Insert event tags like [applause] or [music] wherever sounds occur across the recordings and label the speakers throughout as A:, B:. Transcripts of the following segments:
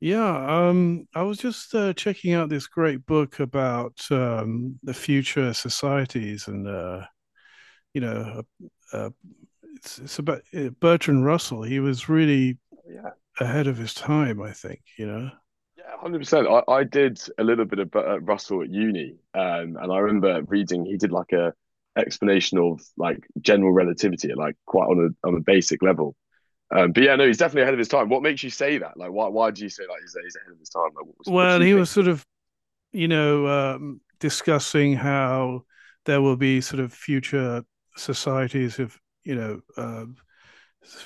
A: Yeah, I was just checking out this great book about the future societies, and uh, you know, uh, uh, it's it's about Bertrand Russell. He was really
B: Yeah,
A: ahead of his time, I think. You know,
B: yeah, 100%. I did a little bit of Russell at uni, and I remember reading he did like a explanation of like general relativity, like quite on a basic level. But yeah, no, he's definitely ahead of his time. What makes you say that? Like, why do you say like he's ahead of his time? Like, what did
A: well,
B: you
A: he was
B: think?
A: sort of discussing how there will be sort of future societies of, you know, um,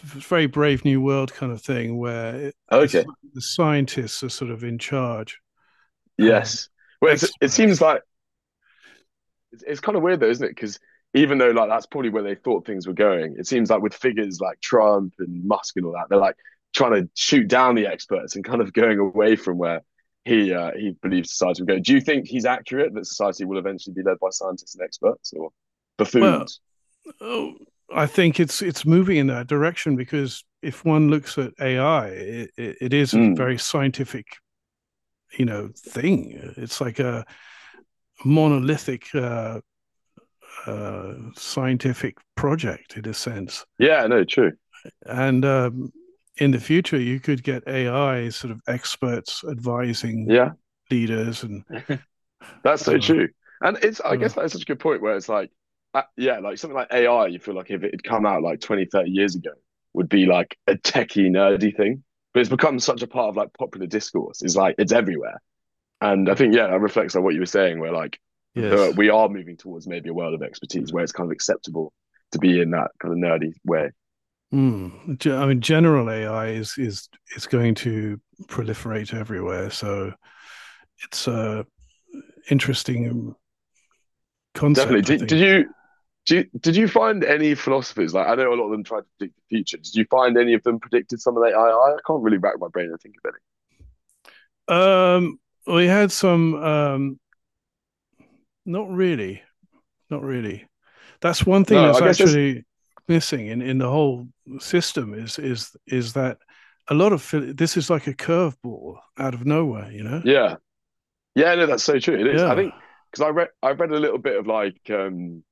A: very brave new world kind of thing where
B: Okay,
A: the scientists are sort of in charge and
B: yes. Well, it seems
A: experts.
B: like it's kind of weird though, isn't it? Because even though like that's probably where they thought things were going, it seems like with figures like Trump and Musk and all that, they're like trying to shoot down the experts and kind of going away from where he believes society will go. Do you think he's accurate that society will eventually be led by scientists and experts or
A: Well,
B: buffoons?
A: oh, I think it's moving in that direction because if one looks at AI, it is a
B: Mm.
A: very scientific, you know, thing. It's like a monolithic scientific project in a sense.
B: Yeah, no, true.
A: And in the future, you could get AI sort of experts advising
B: Yeah.
A: leaders and
B: That's so
A: uh,
B: true. And I
A: uh,
B: guess that's such a good point where it's like, yeah, like something like AI, you feel like if it had come out like 20, 30 years ago, would be like a techie, nerdy thing. But it's become such a part of like popular discourse. It's like, it's everywhere. And I think, yeah, that reflects on what you were saying, where like
A: yes.
B: we are moving towards maybe a world of expertise where it's kind of acceptable to be in that kind of nerdy way.
A: Mm. I mean, general AI is going to proliferate everywhere, so it's a interesting
B: Definitely.
A: concept, I
B: Did, did
A: think.
B: you, do you, did you find any philosophers? Like, I know a lot of them tried to predict the future. Did you find any of them predicted some of the AI? I can't really rack my brain and think of.
A: Um, we had some, not really, not really. That's one thing
B: No,
A: that's
B: I guess there's,
A: actually missing in the whole system is that a lot of this is like a curveball out of nowhere, you know?
B: yeah. Yeah, no, that's so true. It is. I
A: Yeah.
B: think because I read a little bit of like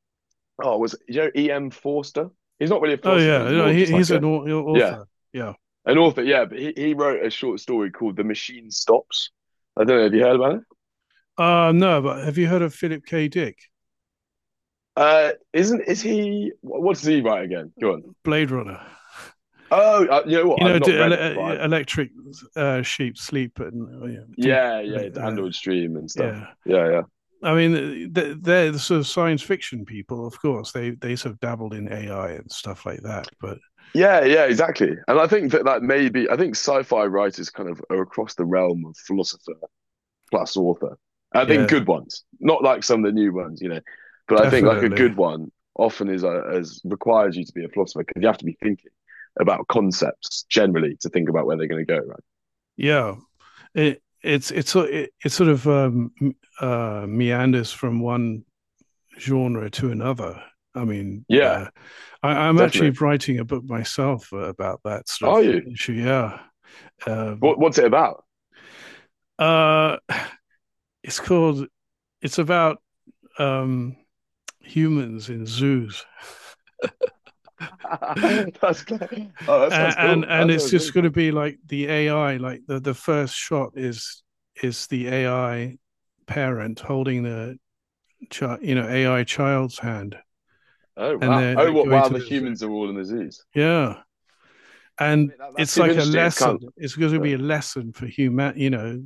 B: oh you know E.M. Forster? He's not really a
A: Oh
B: philosopher, he's
A: yeah,
B: more of just like
A: he's
B: a,
A: an
B: yeah,
A: author. Yeah.
B: an author, yeah, but he wrote a short story called The Machine Stops. I don't know if you heard about it.
A: No, but have you heard of Philip K. Dick,
B: Isn't is he wh- What does he write again? Go on.
A: Blade Runner?
B: Oh, you know
A: You
B: what? I've
A: know,
B: not
A: do ele-
B: read it, but I've,
A: uh, electric sheep sleep and yeah, do
B: yeah, yeah, the
A: uh,
B: Android Stream and stuff.
A: yeah.
B: Yeah, yeah.
A: I mean, they're the sort of science fiction people, of course. They sort of dabbled in AI and stuff like that, but
B: Yeah, yeah, exactly. And I think that that may be, I think sci-fi writers kind of are across the realm of philosopher plus author. I think
A: yeah,
B: good ones, not like some of the new ones, you know. But I think like a
A: definitely,
B: good one often is as requires you to be a philosopher because you have to be thinking about concepts generally to think about where they're going to go. Right?
A: yeah. It it's so- it sort of meanders from one genre to another. I mean,
B: Yeah,
A: I'm actually
B: definitely.
A: writing a book myself about that sort of
B: Are you?
A: issue. Yeah,
B: What,
A: um,
B: what's it about?
A: uh, it's called it's about um, humans in zoos, [laughs] and,
B: [laughs] That's cool. Oh, that sounds cool.
A: and
B: That
A: it's
B: sounds
A: just
B: really
A: going to
B: cool.
A: be like the AI. Like the first shot is the AI parent holding the child, you know, AI child's hand,
B: Oh
A: and
B: wow.
A: they're
B: Oh,
A: they're
B: what?
A: going
B: Wow,
A: to
B: the
A: the zoo.
B: humans are all in the zoos.
A: Yeah,
B: Yeah, I
A: and
B: mean, that's
A: it's
B: super
A: like a
B: interesting. It's kind of.
A: lesson. It's going to be a lesson for human. You know,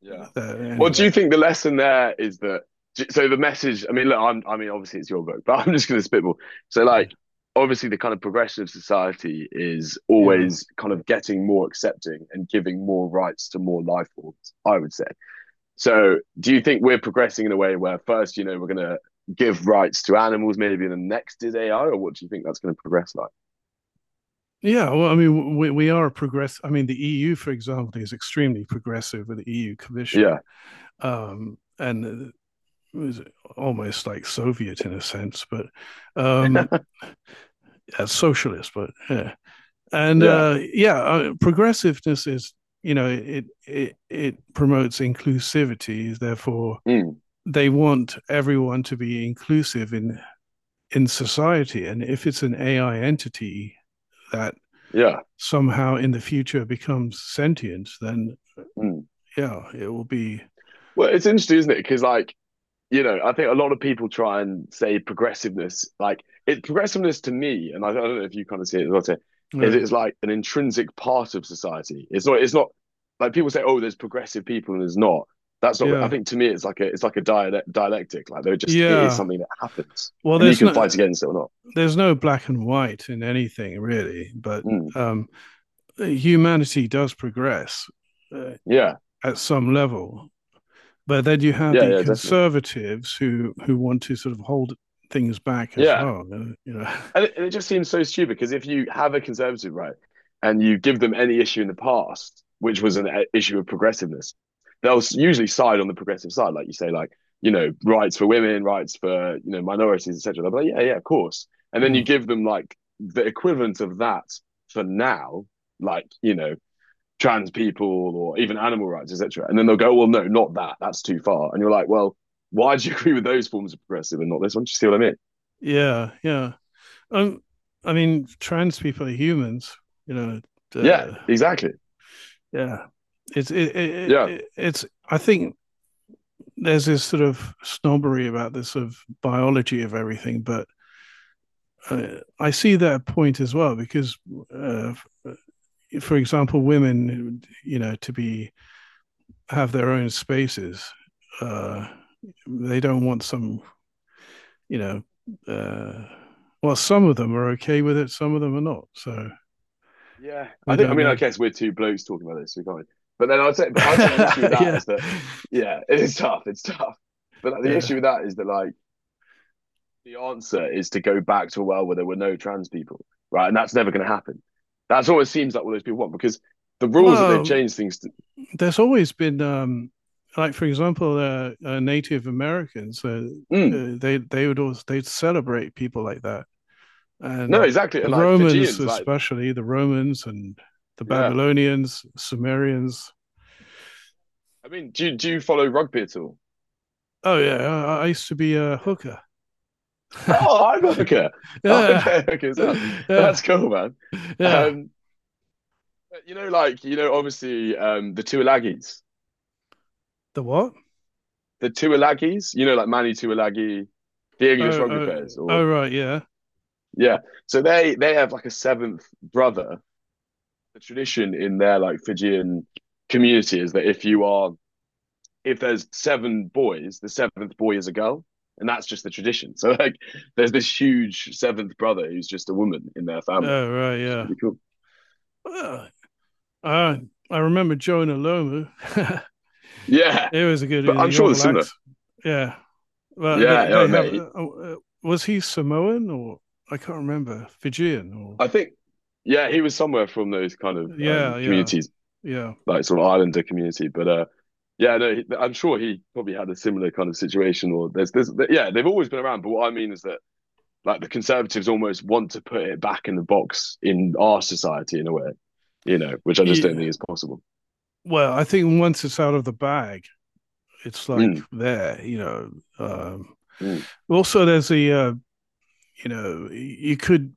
B: Yeah.
A: the,
B: Well, do
A: anyway.
B: you think the lesson there is that? So the message. I mean, look. I mean, obviously it's your book, [laughs] but I'm just going to spitball. So,
A: Yeah.
B: like, obviously the kind of progression of society is
A: Yeah.
B: always kind of getting more accepting and giving more rights to more life forms, I would say. So, do you think we're progressing in a way where first, you know, we're going to give rights to animals, maybe the next is AI, or what do you think that's going to progress like?
A: Yeah, well, I mean, we are a progress. I mean, the EU, for example, is extremely progressive with the EU Commission
B: Yeah.
A: and it was almost like Soviet in a sense, but um,
B: [laughs]
A: as socialist, but yeah. And
B: Yeah.
A: progressiveness is, you know, it promotes inclusivity. Therefore,
B: Mm.
A: they want everyone to be inclusive in society. And if it's an AI entity that
B: Yeah.
A: somehow in the future becomes sentient, then
B: Mm.
A: yeah, it will be,
B: Well, it's interesting, isn't it? Because like, you know, I think a lot of people try and say progressiveness, like it progressiveness to me, and I don't know if you kind of see it as well, too, is
A: uh,
B: it's like an intrinsic part of society. It's not like people say, oh, there's progressive people and there's not. That's not, I
A: yeah,
B: think to me, it's like a dialectic. Like they're just, it is
A: yeah.
B: something that happens
A: Well,
B: and you can fight against it or not.
A: there's no black and white in anything really, but
B: Mm.
A: um, humanity does progress uh,
B: Yeah.
A: at some level. But then you have
B: Yeah.
A: the
B: Yeah. Definitely.
A: conservatives who want to sort of hold things back as
B: Yeah.
A: well. You know,
B: And it just seems so stupid because if you have a conservative right and you give them any issue in the past, which was an issue of progressiveness, they'll usually side on the progressive side, like you say, like you know rights for women, rights for you know minorities, etc. They'll be like, yeah, yeah, of course. And then you
A: mm.
B: give them like the equivalent of that for now, like you know trans people or even animal rights, etc. And then they'll go, well, no, not that. That's too far. And you're like, well, why do you [laughs] agree with those forms of progressive and not this one? Do you see what I mean?
A: Yeah, yeah. Um, I mean, trans people are humans. You know,
B: Yeah,
A: uh,
B: exactly.
A: yeah. It's it, it,
B: Yeah.
A: it, it's. I think there's this sort of snobbery about this sort of biology of everything, but I see that point as well because, uh, for example, women, you know, to be have their own spaces, uh, they don't want some, you know, uh, well, some of them are okay with it, some of them are not. So
B: Yeah,
A: we
B: I think. I
A: don't
B: mean,
A: know.
B: I guess we're two blokes talking about this, so we can't really. But then I'd say, but I'd say the issue with
A: [laughs]
B: that
A: Yeah,
B: is that, yeah, [laughs] it is tough. It's tough. But like, the issue
A: yeah.
B: with that is that like the answer is to go back to a world where there were no trans people, right? And that's never going to happen. That's what it seems like all those people want because the rules that they've
A: Well,
B: changed things to.
A: there's always been, like for example, Native Americans.
B: Mm,
A: They would always they'd celebrate people like that.
B: no,
A: And
B: exactly. And
A: the
B: like
A: Romans,
B: Fijians, like
A: especially the Romans and the
B: yeah.
A: Babylonians, Sumerians.
B: I mean, do you follow rugby at all?
A: Oh yeah, I used to be a
B: Yeah.
A: hooker. [laughs]
B: Oh, I'm a hooker. I
A: Yeah,
B: play a hooker [laughs] as well. That's
A: yeah,
B: cool, man.
A: yeah.
B: Um, You know, like you know, obviously the Tuilagis,
A: The what?
B: the Tuilagis. You know, like Manny Tuilagi, the
A: Oh,
B: English rugby
A: oh,
B: players,
A: oh,
B: or
A: right, yeah.
B: yeah. So they have like a seventh brother. The tradition in their like Fijian community is that if
A: Yeah,
B: you are if there's seven boys, the seventh boy is a girl, and that's just the tradition. So like, there's this huge seventh brother who's just a woman in their family,
A: oh, right,
B: which is
A: yeah.
B: pretty cool.
A: Oh, I I remember Jonah Lomu. [laughs]
B: Yeah,
A: He was a good
B: but I'm
A: the
B: sure they're
A: Orval
B: similar.
A: Axe. Yeah, but
B: Yeah, oh
A: they have.
B: mate,
A: Oh, was he Samoan or I can't remember Fijian or
B: I think, yeah, he was somewhere from those kind of
A: yeah, yeah,
B: communities,
A: yeah.
B: like sort of Islander community. But yeah, no, I'm sure he probably had a similar kind of situation. Or there's, yeah, they've always been around. But what I mean is that like the conservatives almost want to put it back in the box in our society in a way, you know, which I just don't
A: Yeah.
B: think is possible.
A: Well, I think once it's out of the bag, it's like
B: Mm,
A: there, you know. Um,
B: mm.
A: Also, there's you know, you could,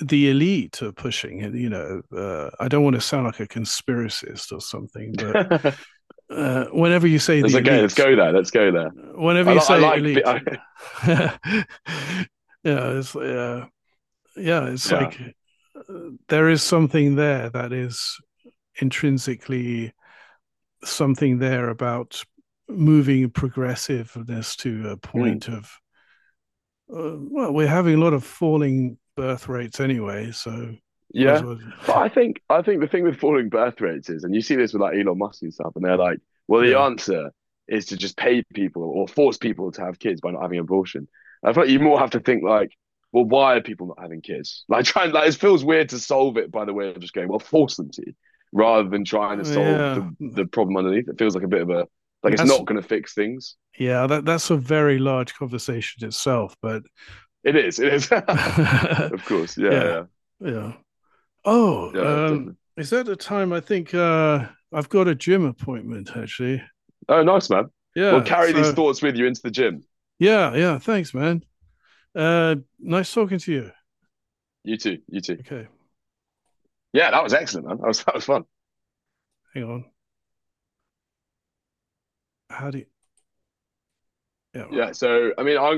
A: the elite are pushing it, you know. I don't want to sound like a conspiracist or something, but
B: [laughs]
A: whenever you say
B: It's
A: the
B: okay. Let's
A: elite,
B: go there. Let's go there.
A: whenever
B: I
A: you
B: like, I
A: say
B: like,
A: elite,
B: bi-
A: [laughs] yeah, it's, uh, yeah,
B: [laughs]
A: it's
B: yeah.
A: like uh, there is something there that is intrinsically something there about moving progressiveness to a
B: Mm.
A: point of well, we're having a lot of falling birth rates anyway, so might as
B: Yeah.
A: well.
B: But
A: [laughs]
B: I think the thing with falling birth rates is, and you see this with like Elon Musk and stuff, and they're like, well, the
A: Yeah.
B: answer is to just pay people or force people to have kids by not having an abortion. I thought you more have to think like, well, why are people not having kids? [laughs] Like trying like it feels weird to solve it by the way of just going, well, force them to, rather than trying to solve
A: Yeah,
B: the problem underneath. It feels like a bit of a like it's
A: that's
B: not gonna fix things.
A: yeah, that's a very large conversation itself. But
B: It is, it is.
A: [laughs] yeah,
B: [laughs] Of course. Yeah, yeah.
A: yeah.
B: Yeah,
A: Oh,
B: definitely.
A: is that the time? I think I've got a gym appointment actually.
B: Oh, nice man. Well,
A: Yeah.
B: carry these
A: So
B: thoughts with you into the gym.
A: yeah, yeah. Thanks, man. Nice talking to you.
B: You too. You too.
A: Okay,
B: Yeah, that was excellent, man. That was fun.
A: hang on. How do you,
B: Yeah.
A: yeah.
B: So I mean, I